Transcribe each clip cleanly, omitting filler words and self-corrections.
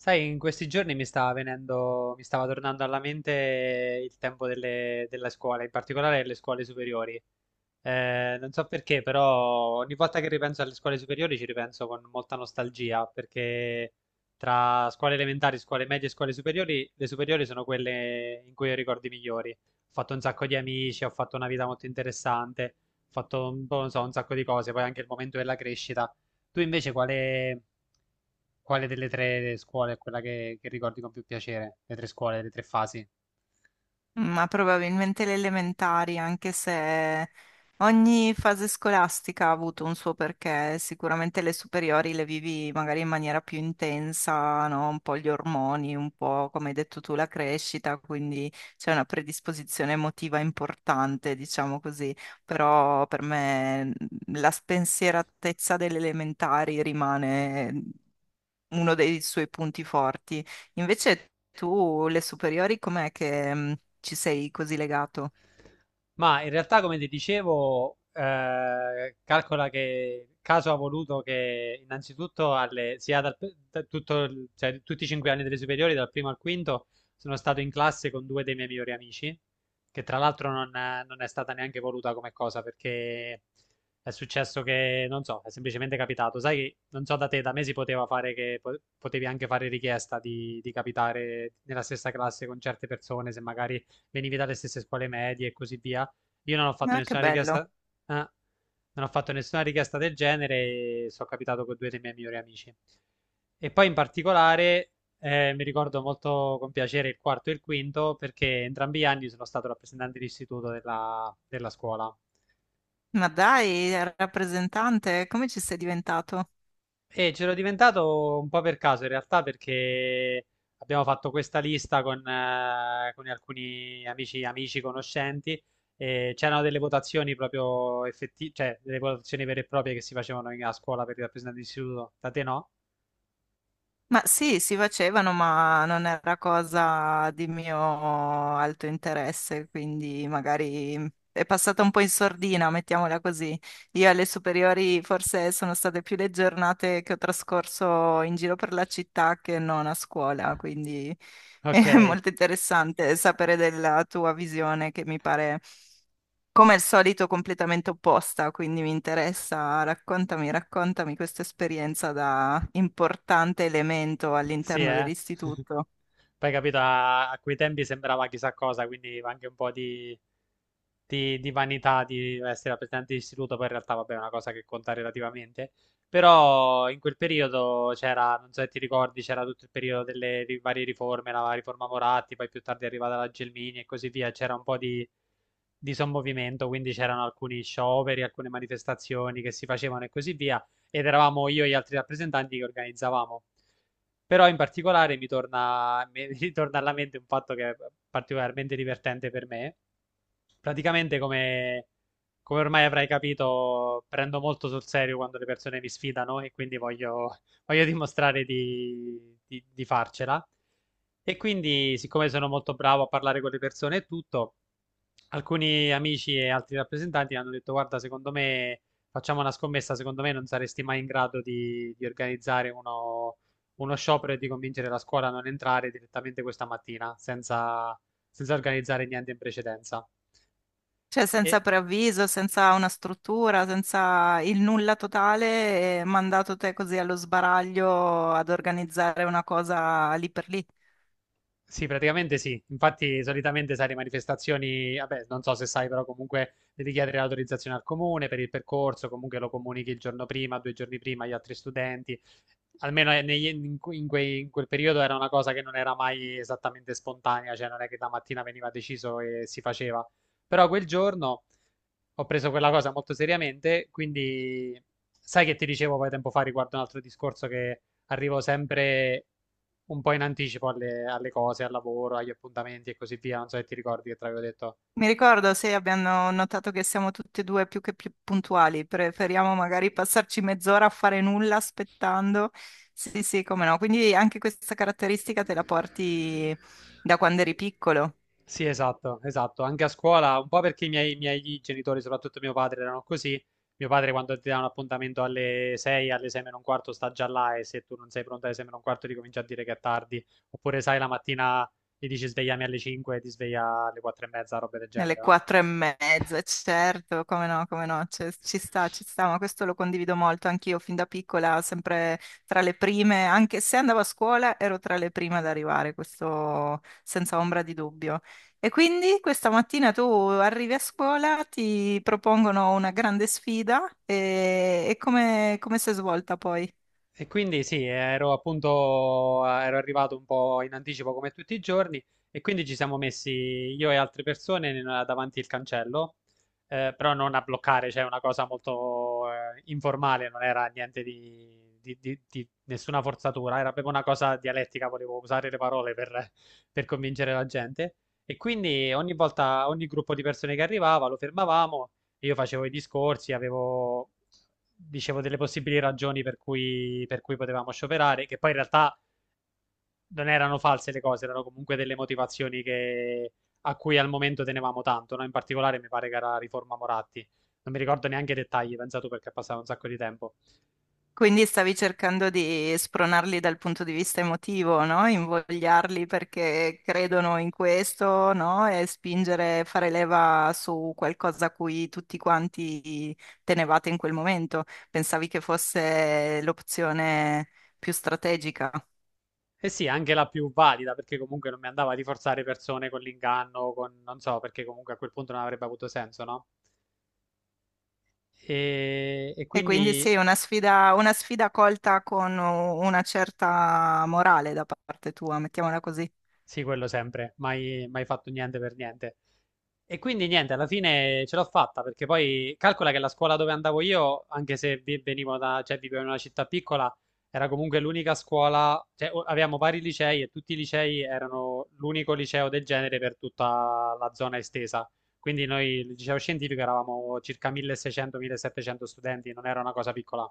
Sai, in questi giorni mi stava venendo, mi stava tornando alla mente il tempo della scuola, in particolare le scuole superiori. Non so perché, però ogni volta che ripenso alle scuole superiori ci ripenso con molta nostalgia, perché tra scuole elementari, scuole medie e scuole superiori, le superiori sono quelle in cui ho i ricordi migliori. Ho fatto un sacco di amici, ho fatto una vita molto interessante, ho fatto un po', non so, un sacco di cose, poi anche il momento della crescita. Tu invece quale, quale delle tre scuole è quella che ricordi con più piacere? Le tre scuole, le tre fasi? Ma probabilmente le elementari, anche se ogni fase scolastica ha avuto un suo perché, sicuramente le superiori le vivi magari in maniera più intensa, no? Un po' gli ormoni, un po' come hai detto tu la crescita, quindi c'è una predisposizione emotiva importante, diciamo così, però per me la spensieratezza delle elementari rimane uno dei suoi punti forti. Invece tu, le superiori, com'è che ci sei così legato? Ma in realtà, come ti dicevo, calcola che caso ha voluto che innanzitutto sia cioè, tutti i 5 anni delle superiori, dal primo al quinto, sono stato in classe con due dei miei migliori amici, che tra l'altro non è stata neanche voluta come cosa, perché è successo che, non so, è semplicemente capitato. Sai che, non so da te, da me si poteva fare che potevi anche fare richiesta di capitare nella stessa classe con certe persone, se magari venivi dalle stesse scuole medie e così via. Io non ho fatto Ah, che nessuna bello. richiesta, ah, non ho fatto nessuna richiesta del genere e sono capitato con due dei miei migliori amici. E poi in particolare mi ricordo molto con piacere il quarto e il quinto perché entrambi gli anni sono stato rappresentante d'istituto della scuola. Ma dai, rappresentante, come ci sei diventato? E c'ero diventato un po' per caso in realtà perché abbiamo fatto questa lista con alcuni amici, amici, conoscenti e c'erano delle votazioni proprio effettive, cioè delle votazioni vere e proprie che si facevano a scuola per i rappresentanti di istituto. Da te no? Ma sì, si facevano, ma non era cosa di mio alto interesse, quindi magari è passata un po' in sordina, mettiamola così. Io alle superiori forse sono state più le giornate che ho trascorso in giro per la città che non a scuola, quindi Ok, è molto interessante sapere della tua visione, che mi pare come al solito completamente opposta, quindi mi interessa, raccontami, raccontami questa esperienza da importante elemento sì, all'interno eh. dell'istituto. Poi capito, a quei tempi sembrava chissà cosa, quindi anche un po' di, di vanità di essere al presidente di istituto, poi in realtà vabbè è una cosa che conta relativamente. Però in quel periodo c'era, non so se ti ricordi, c'era tutto il periodo delle varie riforme, la riforma Moratti, poi più tardi è arrivata la Gelmini e così via, c'era un po' di sommovimento, quindi c'erano alcuni scioperi, alcune manifestazioni che si facevano e così via ed eravamo io e gli altri rappresentanti che organizzavamo. Però in particolare mi torna, mi ritorna alla mente un fatto che è particolarmente divertente per me. Praticamente, come, come ormai avrai capito, prendo molto sul serio quando le persone mi sfidano e quindi voglio, voglio dimostrare di farcela. E quindi, siccome sono molto bravo a parlare con le persone e tutto, alcuni amici e altri rappresentanti hanno detto: Guarda, secondo me facciamo una scommessa, secondo me non saresti mai in grado di organizzare uno, uno sciopero e di convincere la scuola a non entrare direttamente questa mattina senza organizzare niente in precedenza. Cioè E... senza preavviso, senza una struttura, senza il nulla totale, e mandato te così allo sbaraglio ad organizzare una cosa lì per lì. Sì, praticamente sì. Infatti, solitamente sai, le manifestazioni, vabbè, non so se sai, però comunque devi chiedere l'autorizzazione al comune per il percorso, comunque lo comunichi il giorno prima, due giorni prima agli altri studenti. Almeno in quel periodo era una cosa che non era mai esattamente spontanea, cioè non è che la mattina veniva deciso e si faceva. Però quel giorno ho preso quella cosa molto seriamente, quindi sai che ti dicevo poi tempo fa riguardo un altro discorso che arrivo sempre un po' in anticipo alle cose, al lavoro, agli appuntamenti e così via. Non so se ti ricordi che te l'avevo detto. Mi ricordo, sì, abbiamo notato che siamo tutti e due più che più puntuali, preferiamo magari passarci mezz'ora a fare nulla aspettando. Sì, sì, come no. Quindi anche questa caratteristica te la porti da quando eri piccolo. Sì, esatto, esatto. Anche a scuola, un po' perché i miei genitori, soprattutto mio padre, erano così. Mio padre quando ti dà un appuntamento alle 6, alle 6 meno un quarto sta già là e se tu non sei pronta alle 6 meno un quarto ti comincia a dire che è tardi. Oppure sai, la mattina gli dici svegliami alle 5 e ti sveglia alle 4 e mezza, roba del Nelle genere, no? quattro e mezza, certo, come no, come no, cioè, ci sta, ma questo lo condivido molto anch'io fin da piccola, sempre tra le prime, anche se andavo a scuola ero tra le prime ad arrivare, questo senza ombra di dubbio. E quindi questa mattina tu arrivi a scuola, ti propongono una grande sfida e come, come si è svolta poi? E quindi sì, ero appunto, ero arrivato un po' in anticipo come tutti i giorni e quindi ci siamo messi io e altre persone davanti il cancello, però non a bloccare, cioè una cosa molto informale, non era niente di, di nessuna forzatura, era proprio una cosa dialettica, volevo usare le parole per convincere la gente. E quindi ogni volta, ogni gruppo di persone che arrivava lo fermavamo, io facevo i discorsi, avevo, dicevo delle possibili ragioni per cui potevamo scioperare, che poi in realtà non erano false le cose, erano comunque delle motivazioni che, a cui al momento tenevamo tanto, no? In particolare mi pare che era riforma Moratti. Non mi ricordo neanche i dettagli, pensato perché è passato un sacco di tempo. Quindi stavi cercando di spronarli dal punto di vista emotivo, no? Invogliarli perché credono in questo, no? E spingere, fare leva su qualcosa a cui tutti quanti tenevate in quel momento. Pensavi che fosse l'opzione più strategica. E sì, anche la più valida, perché comunque non mi andava di forzare persone con l'inganno, con non so, perché comunque a quel punto non avrebbe avuto senso, no? E E quindi quindi sì, una sfida colta con una certa morale da parte tua, mettiamola così. sì, quello sempre, mai, mai fatto niente per niente. E quindi niente, alla fine ce l'ho fatta perché poi calcola che la scuola dove andavo io, anche se venivo da, cioè vivevo in una città piccola, era comunque l'unica scuola, cioè avevamo vari licei e tutti i licei erano l'unico liceo del genere per tutta la zona estesa. Quindi noi, il liceo scientifico, eravamo circa 1600-1700 studenti, non era una cosa piccola.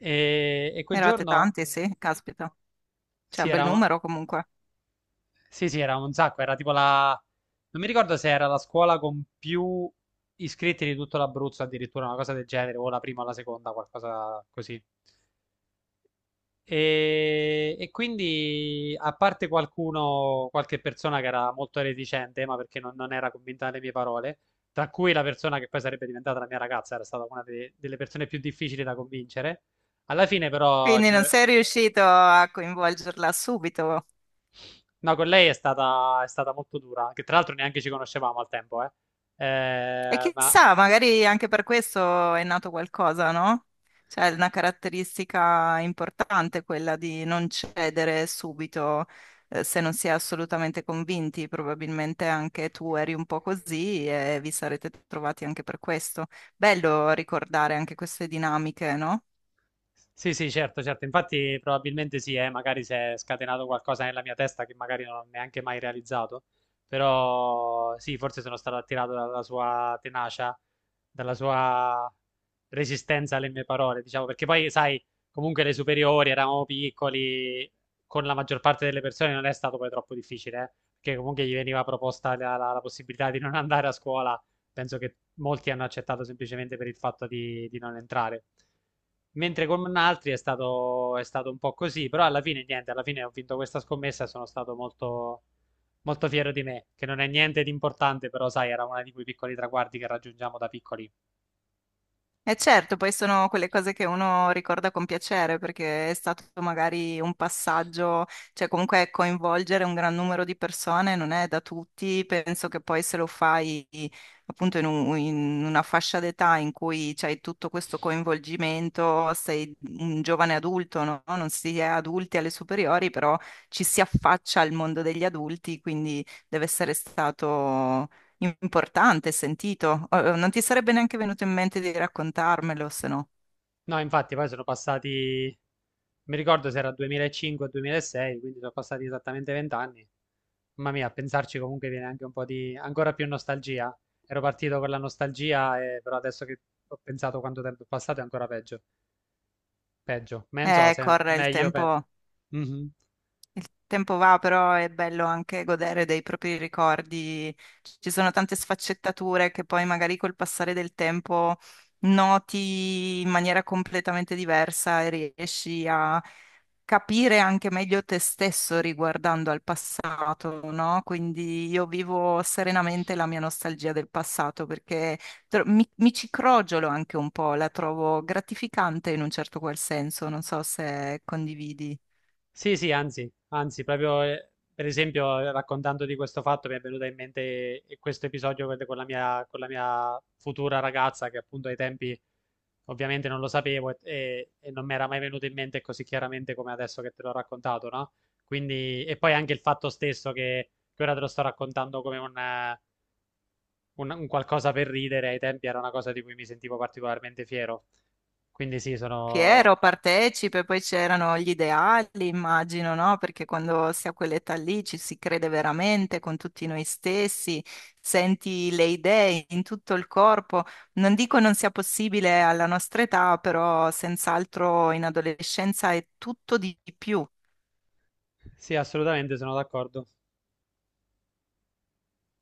E quel Eravate giorno, tanti, sì, caspita. C'è sì, un bel era numero comunque. Sì, sì, era un sacco, era tipo la... Non mi ricordo se era la scuola con più iscritti di tutto l'Abruzzo, addirittura una cosa del genere, o la prima o la seconda, qualcosa così. E quindi, a parte qualcuno, qualche persona che era molto reticente, ma perché non era convinta delle mie parole, tra cui la persona che poi sarebbe diventata la mia ragazza, era stata delle persone più difficili da convincere. Alla fine, però, Quindi non sei riuscito a coinvolgerla subito. no, con lei è stata molto dura, che tra l'altro neanche ci conoscevamo al tempo, eh. E Ma chissà, magari anche per questo è nato qualcosa, no? Cioè, è una caratteristica importante quella di non cedere subito, se non si è assolutamente convinti. Probabilmente anche tu eri un po' così e vi sarete trovati anche per questo. Bello ricordare anche queste dinamiche, no? sì, sì, certo, certo. Infatti, probabilmente sì, magari si è scatenato qualcosa nella mia testa che magari non ho neanche mai realizzato. Però sì, forse sono stato attirato dalla sua tenacia, dalla sua resistenza alle mie parole, diciamo, perché poi, sai, comunque le superiori eravamo piccoli, con la maggior parte delle persone non è stato poi troppo difficile, perché comunque gli veniva proposta la possibilità di non andare a scuola, penso che molti hanno accettato semplicemente per il fatto di non entrare. Mentre con altri è stato un po' così, però alla fine niente, alla fine ho vinto questa scommessa e sono stato molto, molto fiero di me, che non è niente di importante, però sai, era uno di quei piccoli traguardi che raggiungiamo da piccoli. E certo, poi sono quelle cose che uno ricorda con piacere perché è stato magari un passaggio, cioè comunque coinvolgere un gran numero di persone non è da tutti, penso che poi se lo fai appunto in, in una fascia d'età in cui c'hai tutto questo coinvolgimento, sei un giovane adulto, no? Non si è adulti alle superiori, però ci si affaccia al mondo degli adulti, quindi deve essere stato importante, sentito. Oh, oh, non ti sarebbe neanche venuto in mente di raccontarmelo, se no. No, infatti poi sono passati, mi ricordo se era 2005-2006, quindi sono passati esattamente 20 anni. Mamma mia, a pensarci comunque viene anche un po' di, ancora più nostalgia. Ero partito con la nostalgia, però adesso che ho pensato quanto tempo è passato è ancora peggio. Peggio, ma non so se è Corre il meglio. Pe... tempo, Mhm. il tempo va, però è bello anche godere dei propri ricordi. Ci sono tante sfaccettature che poi magari col passare del tempo noti in maniera completamente diversa e riesci a capire anche meglio te stesso riguardando al passato, no? Quindi io vivo serenamente la mia nostalgia del passato perché mi ci crogiolo anche un po', la trovo gratificante in un certo qual senso, non so se condividi. Sì, sì, anzi, anzi, proprio per esempio raccontando di questo fatto mi è venuta in mente questo episodio con la mia futura ragazza che appunto ai tempi ovviamente non lo sapevo e non mi era mai venuto in mente così chiaramente come adesso che te l'ho raccontato, no? Quindi, e poi anche il fatto stesso che ora te lo sto raccontando come un, un qualcosa per ridere, ai tempi era una cosa di cui mi sentivo particolarmente fiero. Quindi sì, sono... Piero partecipe, poi c'erano gli ideali, immagino, no? Perché quando si ha quell'età lì ci si crede veramente con tutti noi stessi, senti le idee in tutto il corpo. Non dico non sia possibile alla nostra età, però senz'altro in adolescenza è tutto di più. Sì, assolutamente sono d'accordo.